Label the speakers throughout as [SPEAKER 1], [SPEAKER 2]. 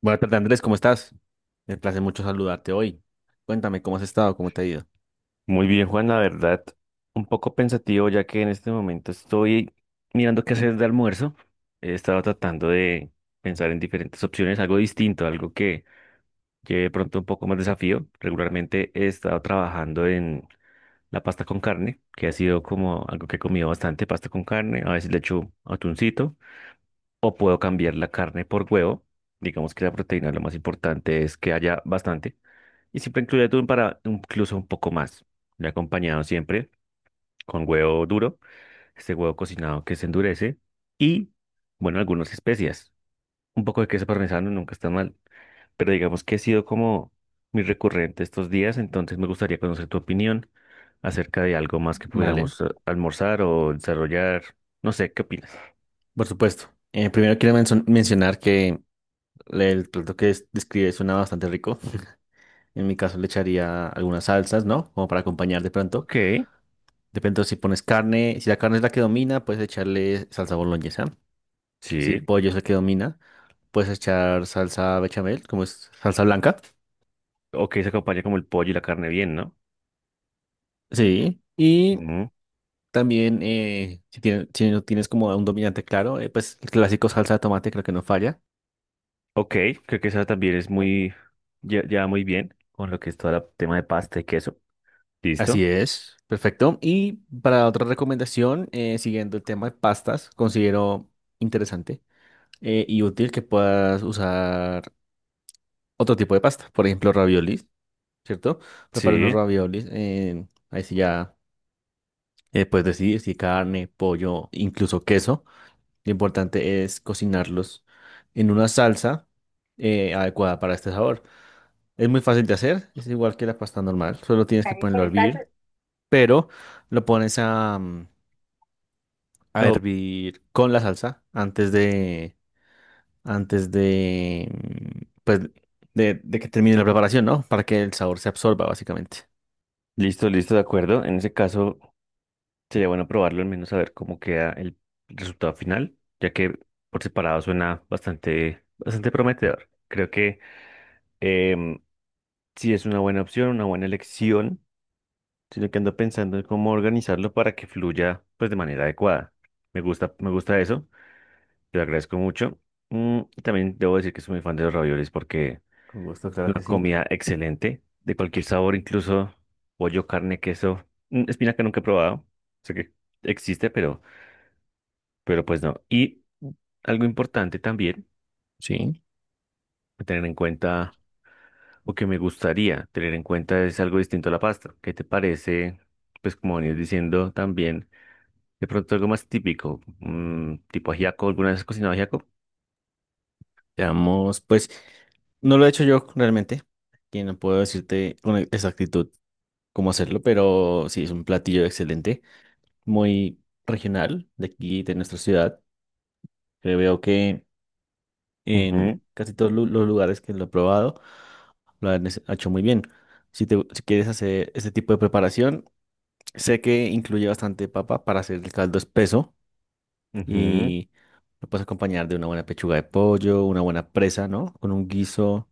[SPEAKER 1] Buenas tardes, Andrés, ¿cómo estás? Me place mucho saludarte hoy. Cuéntame, ¿cómo has estado? ¿Cómo te ha ido?
[SPEAKER 2] Muy bien, Juan, la verdad, un poco pensativo ya que en este momento estoy mirando qué hacer de almuerzo. He estado tratando de pensar en diferentes opciones, algo distinto, algo que lleve de pronto un poco más desafío. Regularmente he estado trabajando en la pasta con carne, que ha sido como algo que he comido bastante, pasta con carne. A veces le echo atuncito o puedo cambiar la carne por huevo. Digamos que la proteína lo más importante es que haya bastante y siempre incluye atún para incluso un poco más. Le he acompañado siempre con huevo duro, este huevo cocinado que se endurece y, bueno, algunas especias. Un poco de queso parmesano nunca está mal, pero digamos que ha sido como muy recurrente estos días, entonces me gustaría conocer tu opinión acerca de algo más que
[SPEAKER 1] Vale,
[SPEAKER 2] pudiéramos almorzar o desarrollar. No sé, ¿qué opinas?
[SPEAKER 1] por supuesto. Primero quiero mencionar que el plato que describe suena bastante rico. En mi caso le echaría algunas salsas, ¿no? Como para acompañar de pronto.
[SPEAKER 2] Ok,
[SPEAKER 1] De pronto si pones carne, si la carne es la que domina, puedes echarle salsa boloñesa. Si el
[SPEAKER 2] sí.
[SPEAKER 1] pollo es el que domina, puedes echar salsa bechamel, como es salsa blanca.
[SPEAKER 2] Ok, se acompaña como el pollo y la carne bien, ¿no?
[SPEAKER 1] Sí. Y
[SPEAKER 2] Ujú.
[SPEAKER 1] también, si, si no tienes como un dominante claro, pues el clásico salsa de tomate creo que no falla.
[SPEAKER 2] Ok, creo que esa también es muy, ya, ya muy bien con lo que es todo el tema de pasta y queso.
[SPEAKER 1] Así
[SPEAKER 2] ¿Listo?
[SPEAKER 1] es, perfecto. Y para otra recomendación, siguiendo el tema de pastas, considero interesante y útil que puedas usar otro tipo de pasta, por ejemplo, raviolis, ¿cierto? Prepara unos
[SPEAKER 2] Sí.
[SPEAKER 1] raviolis, ahí sí ya puedes decidir si carne, pollo, incluso queso. Lo importante es cocinarlos en una salsa adecuada para este sabor. Es muy fácil de hacer, es igual que la pasta normal, solo tienes que ponerlo a hervir, pero lo pones a, a
[SPEAKER 2] Oh,
[SPEAKER 1] hervir con la salsa antes de, de, que termine la preparación, ¿no? Para que el sabor se absorba, básicamente.
[SPEAKER 2] listo, listo, de acuerdo. En ese caso, sería bueno probarlo, al menos saber cómo queda el resultado final, ya que por separado suena bastante, bastante prometedor. Creo que em, sí es una buena opción, una buena elección, sino que ando pensando en cómo organizarlo para que fluya pues de manera adecuada. Me gusta eso, te lo agradezco mucho. Y también debo decir que soy muy fan de los raviolis porque
[SPEAKER 1] Con gusto, claro
[SPEAKER 2] una
[SPEAKER 1] que sí.
[SPEAKER 2] comida excelente, de cualquier sabor, incluso pollo, carne, queso, espinaca nunca he probado, sé que existe, pero, pues no. Y algo importante también
[SPEAKER 1] Sí,
[SPEAKER 2] a tener en cuenta, o que me gustaría tener en cuenta, es algo distinto a la pasta. ¿Qué te parece? Pues como venías diciendo también, de pronto algo más típico, tipo ajiaco, ¿alguna vez has cocinado ajiaco?
[SPEAKER 1] veamos, pues no lo he hecho yo realmente, que no puedo decirte con exactitud cómo hacerlo, pero sí, es un platillo excelente, muy regional de aquí, de nuestra ciudad, que veo que en
[SPEAKER 2] Ujú,
[SPEAKER 1] casi todos los lugares que lo he probado lo han hecho muy bien. Si te, si quieres hacer este tipo de preparación, sé que incluye bastante papa para hacer el caldo espeso
[SPEAKER 2] ujú,
[SPEAKER 1] y lo puedes acompañar de una buena pechuga de pollo, una buena presa, ¿no? Con un guiso.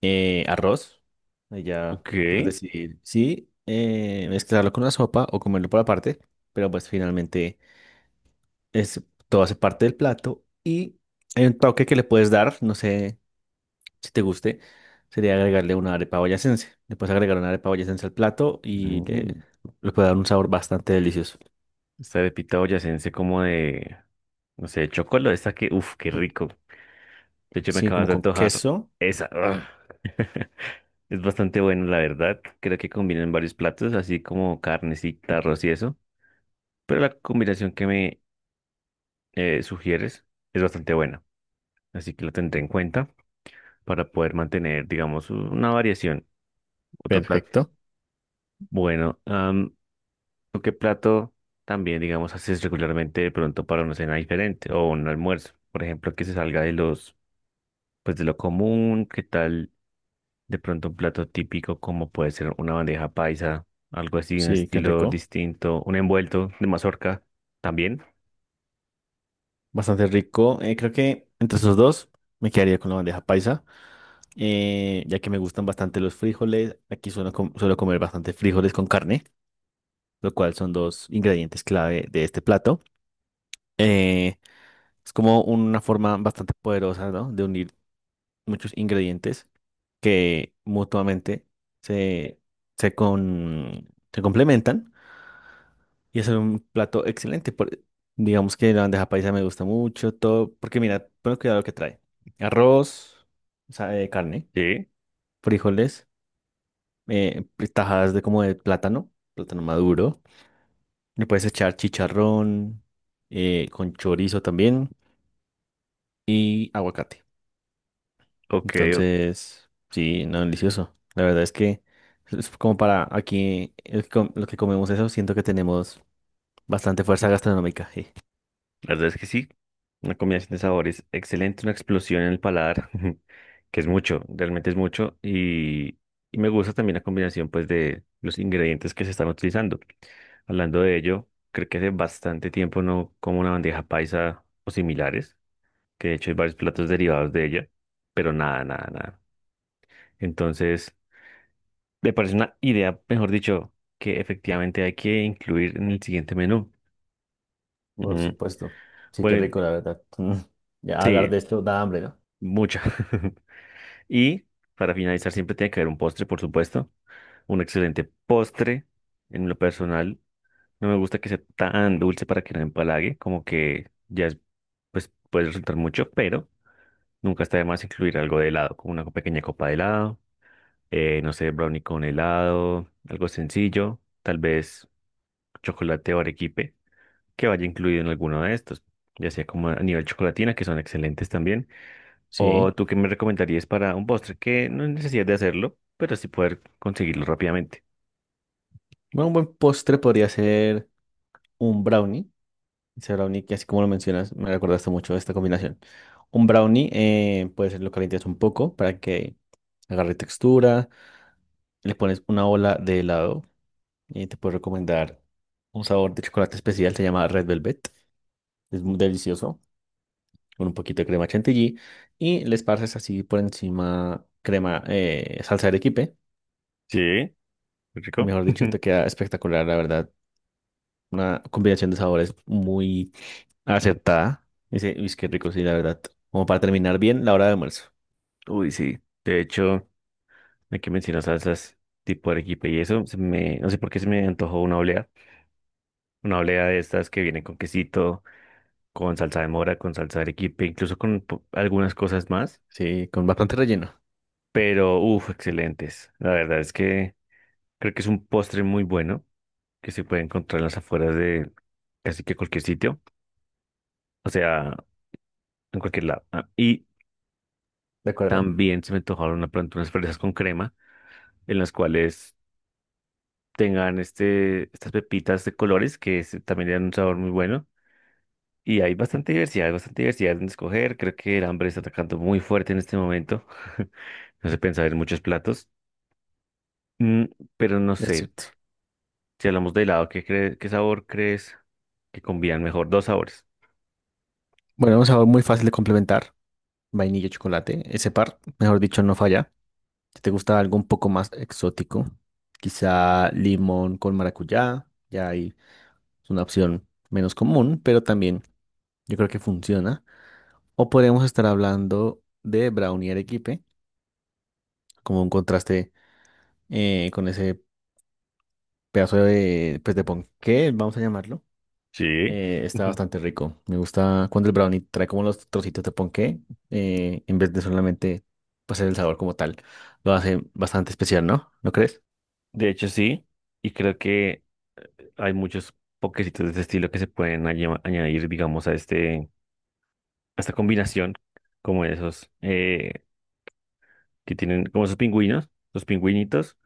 [SPEAKER 1] Arroz. Allá
[SPEAKER 2] ok.
[SPEAKER 1] puedes decidir si mezclarlo con una sopa o comerlo por aparte, pero pues finalmente es, todo hace parte del plato y hay un toque que le puedes dar, no sé si te guste, sería agregarle una arepa boyacense. Le puedes agregar una arepa boyacense al plato y
[SPEAKER 2] Mm,
[SPEAKER 1] le puede dar un sabor bastante delicioso.
[SPEAKER 2] Esta arepita boyacense como de, no sé, chocolate esa que, uff, qué rico. De hecho, me
[SPEAKER 1] Sí,
[SPEAKER 2] acabas
[SPEAKER 1] como
[SPEAKER 2] de
[SPEAKER 1] con
[SPEAKER 2] antojar
[SPEAKER 1] queso.
[SPEAKER 2] esa. Ugh. Es bastante bueno, la verdad. Creo que combinan varios platos, así como carnecita, arroz y eso. Pero la combinación que me sugieres es bastante buena. Así que lo tendré en cuenta para poder mantener, digamos, una variación. Otro plato.
[SPEAKER 1] Perfecto.
[SPEAKER 2] Bueno, ¿tú qué plato también, digamos, haces regularmente de pronto para una cena diferente o un almuerzo? Por ejemplo, que se salga de los, pues, de lo común. ¿Qué tal? De pronto un plato típico como puede ser una bandeja paisa, algo así, un
[SPEAKER 1] Sí, qué
[SPEAKER 2] estilo
[SPEAKER 1] rico.
[SPEAKER 2] distinto, un envuelto de mazorca también.
[SPEAKER 1] Bastante rico. Creo que entre esos dos me quedaría con la bandeja paisa. Ya que me gustan bastante los frijoles. Aquí suelo, suelo comer bastante frijoles con carne, lo cual son dos ingredientes clave de este plato. Eh, es como una forma bastante poderosa, ¿no? De unir muchos ingredientes que mutuamente se, se, con- se complementan y hacer un plato excelente. Digamos que la bandeja paisa me gusta mucho, todo, porque mira, pon cuidado lo que trae. Arroz, o sea, carne,
[SPEAKER 2] Sí,
[SPEAKER 1] frijoles. eh, Tajadas de como de plátano, plátano maduro. Le puedes echar chicharrón con chorizo también y aguacate.
[SPEAKER 2] ok, o-
[SPEAKER 1] Entonces, sí, no, delicioso. La verdad es que es como para aquí el que los que comemos eso, siento que tenemos bastante fuerza gastronómica. Sí.
[SPEAKER 2] la verdad es que sí. Una combinación de sabores excelente, una explosión en el paladar, que es mucho, realmente es mucho. Y me gusta también la combinación pues de los ingredientes que se están utilizando. Hablando de ello, creo que hace bastante tiempo no como una bandeja paisa o similares, que de hecho hay varios platos derivados de ella, pero nada, nada, nada. Entonces, me parece una idea, mejor dicho, que efectivamente hay que incluir en el siguiente menú.
[SPEAKER 1] Por
[SPEAKER 2] Mm,
[SPEAKER 1] supuesto. Sí, qué
[SPEAKER 2] bueno,
[SPEAKER 1] rico, la verdad. Mm. Ya hablar
[SPEAKER 2] sí,
[SPEAKER 1] de esto da hambre, ¿no?
[SPEAKER 2] mucha. Y para finalizar, siempre tiene que haber un postre, por supuesto. Un excelente postre. En lo personal, no me gusta que sea tan dulce para que no empalague, como que ya es, pues puede resultar mucho, pero nunca está de más incluir algo de helado, como una pequeña copa de helado, no sé, brownie con helado, algo sencillo, tal vez. Chocolate o arequipe que vaya incluido en alguno de estos, ya sea como a nivel chocolatina, que son excelentes también, o
[SPEAKER 1] Sí.
[SPEAKER 2] tú qué me recomendarías para un postre que no hay necesidad de hacerlo, pero sí poder conseguirlo rápidamente.
[SPEAKER 1] Bueno, un buen postre podría ser un brownie. Ese brownie, que así como lo mencionas, me recordaste mucho esta combinación. Un brownie, pues lo calientas un poco para que agarre textura. Le pones una ola de helado y te puedo recomendar un sabor de chocolate especial, se llama Red Velvet. Es muy delicioso, con un poquito de crema chantilly. Y le esparces así por encima crema, salsa de arequipe.
[SPEAKER 2] Sí,
[SPEAKER 1] Y
[SPEAKER 2] rico.
[SPEAKER 1] mejor dicho, te queda espectacular, la verdad. Una combinación de sabores muy acertada. Dice, uy, qué rico, sí, la verdad. Como para terminar bien la hora de almuerzo.
[SPEAKER 2] Uy, sí. De hecho, aquí mencionas salsas tipo arequipe y eso, no sé por qué se me antojó una oblea de estas que vienen con quesito, con salsa de mora, con salsa de arequipe, incluso con algunas cosas más,
[SPEAKER 1] Sí, con bastante relleno.
[SPEAKER 2] pero uff, excelentes. La verdad es que creo que es un postre muy bueno que se puede encontrar en las afueras de casi que cualquier sitio, o sea, en cualquier lado. Ah, y
[SPEAKER 1] De acuerdo.
[SPEAKER 2] también se me antojaron de pronto unas fresas con crema en las cuales tengan este, estas pepitas de colores que también le dan un sabor muy bueno. Y hay bastante diversidad en escoger. Creo que el hambre está atacando muy fuerte en este momento. No se pensaba en muchos platos. Mm, pero no
[SPEAKER 1] Es
[SPEAKER 2] sé,
[SPEAKER 1] cierto.
[SPEAKER 2] si hablamos de helado, qué sabor crees que combinan mejor? Dos sabores.
[SPEAKER 1] Bueno, un sabor muy fácil de complementar. Vainilla y chocolate. Ese par, mejor dicho, no falla. Si te gusta algo un poco más exótico, quizá limón con maracuyá. Ya ahí es una opción menos común, pero también yo creo que funciona. O podríamos estar hablando de brownie arequipe, como un contraste con ese pedazo de, pues, de ponqué, vamos a llamarlo.
[SPEAKER 2] Sí.
[SPEAKER 1] Está
[SPEAKER 2] Ujú.
[SPEAKER 1] bastante rico. Me gusta cuando el brownie trae como los trocitos de ponqué, en vez de solamente pasar el sabor como tal. Lo hace bastante especial, ¿no? ¿No crees?
[SPEAKER 2] De hecho, sí, y creo que hay muchos pokecitos de este estilo que se pueden añadir, digamos, a este, a esta combinación, como esos que tienen, como esos pingüinos, los pingüinitos,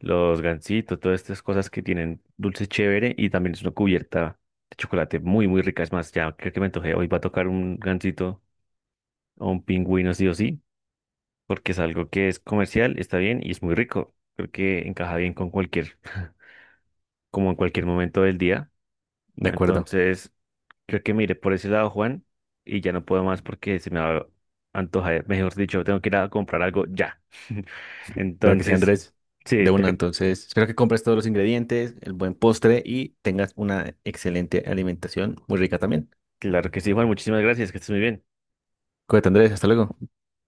[SPEAKER 2] los gansitos, todas estas cosas que tienen dulce chévere y también es una cubierta de chocolate muy, muy rica. Es más, ya creo que me antojé, hoy va a tocar un gansito o un pingüino sí o sí, porque es algo que es comercial, está bien y es muy rico. Creo que encaja bien con cualquier. Como en cualquier momento del día.
[SPEAKER 1] De acuerdo.
[SPEAKER 2] Entonces, creo que mire por ese lado, Juan, y ya no puedo más porque se me va a antojar, mejor dicho, tengo que ir a comprar algo ya.
[SPEAKER 1] Claro que sí,
[SPEAKER 2] Entonces,
[SPEAKER 1] Andrés.
[SPEAKER 2] sí,
[SPEAKER 1] De una, entonces. Espero que compres todos los ingredientes, el buen postre y tengas una excelente alimentación, muy rica también.
[SPEAKER 2] claro que sí, Juan, muchísimas gracias, que estés muy bien.
[SPEAKER 1] Cuídate, Andrés. Hasta luego.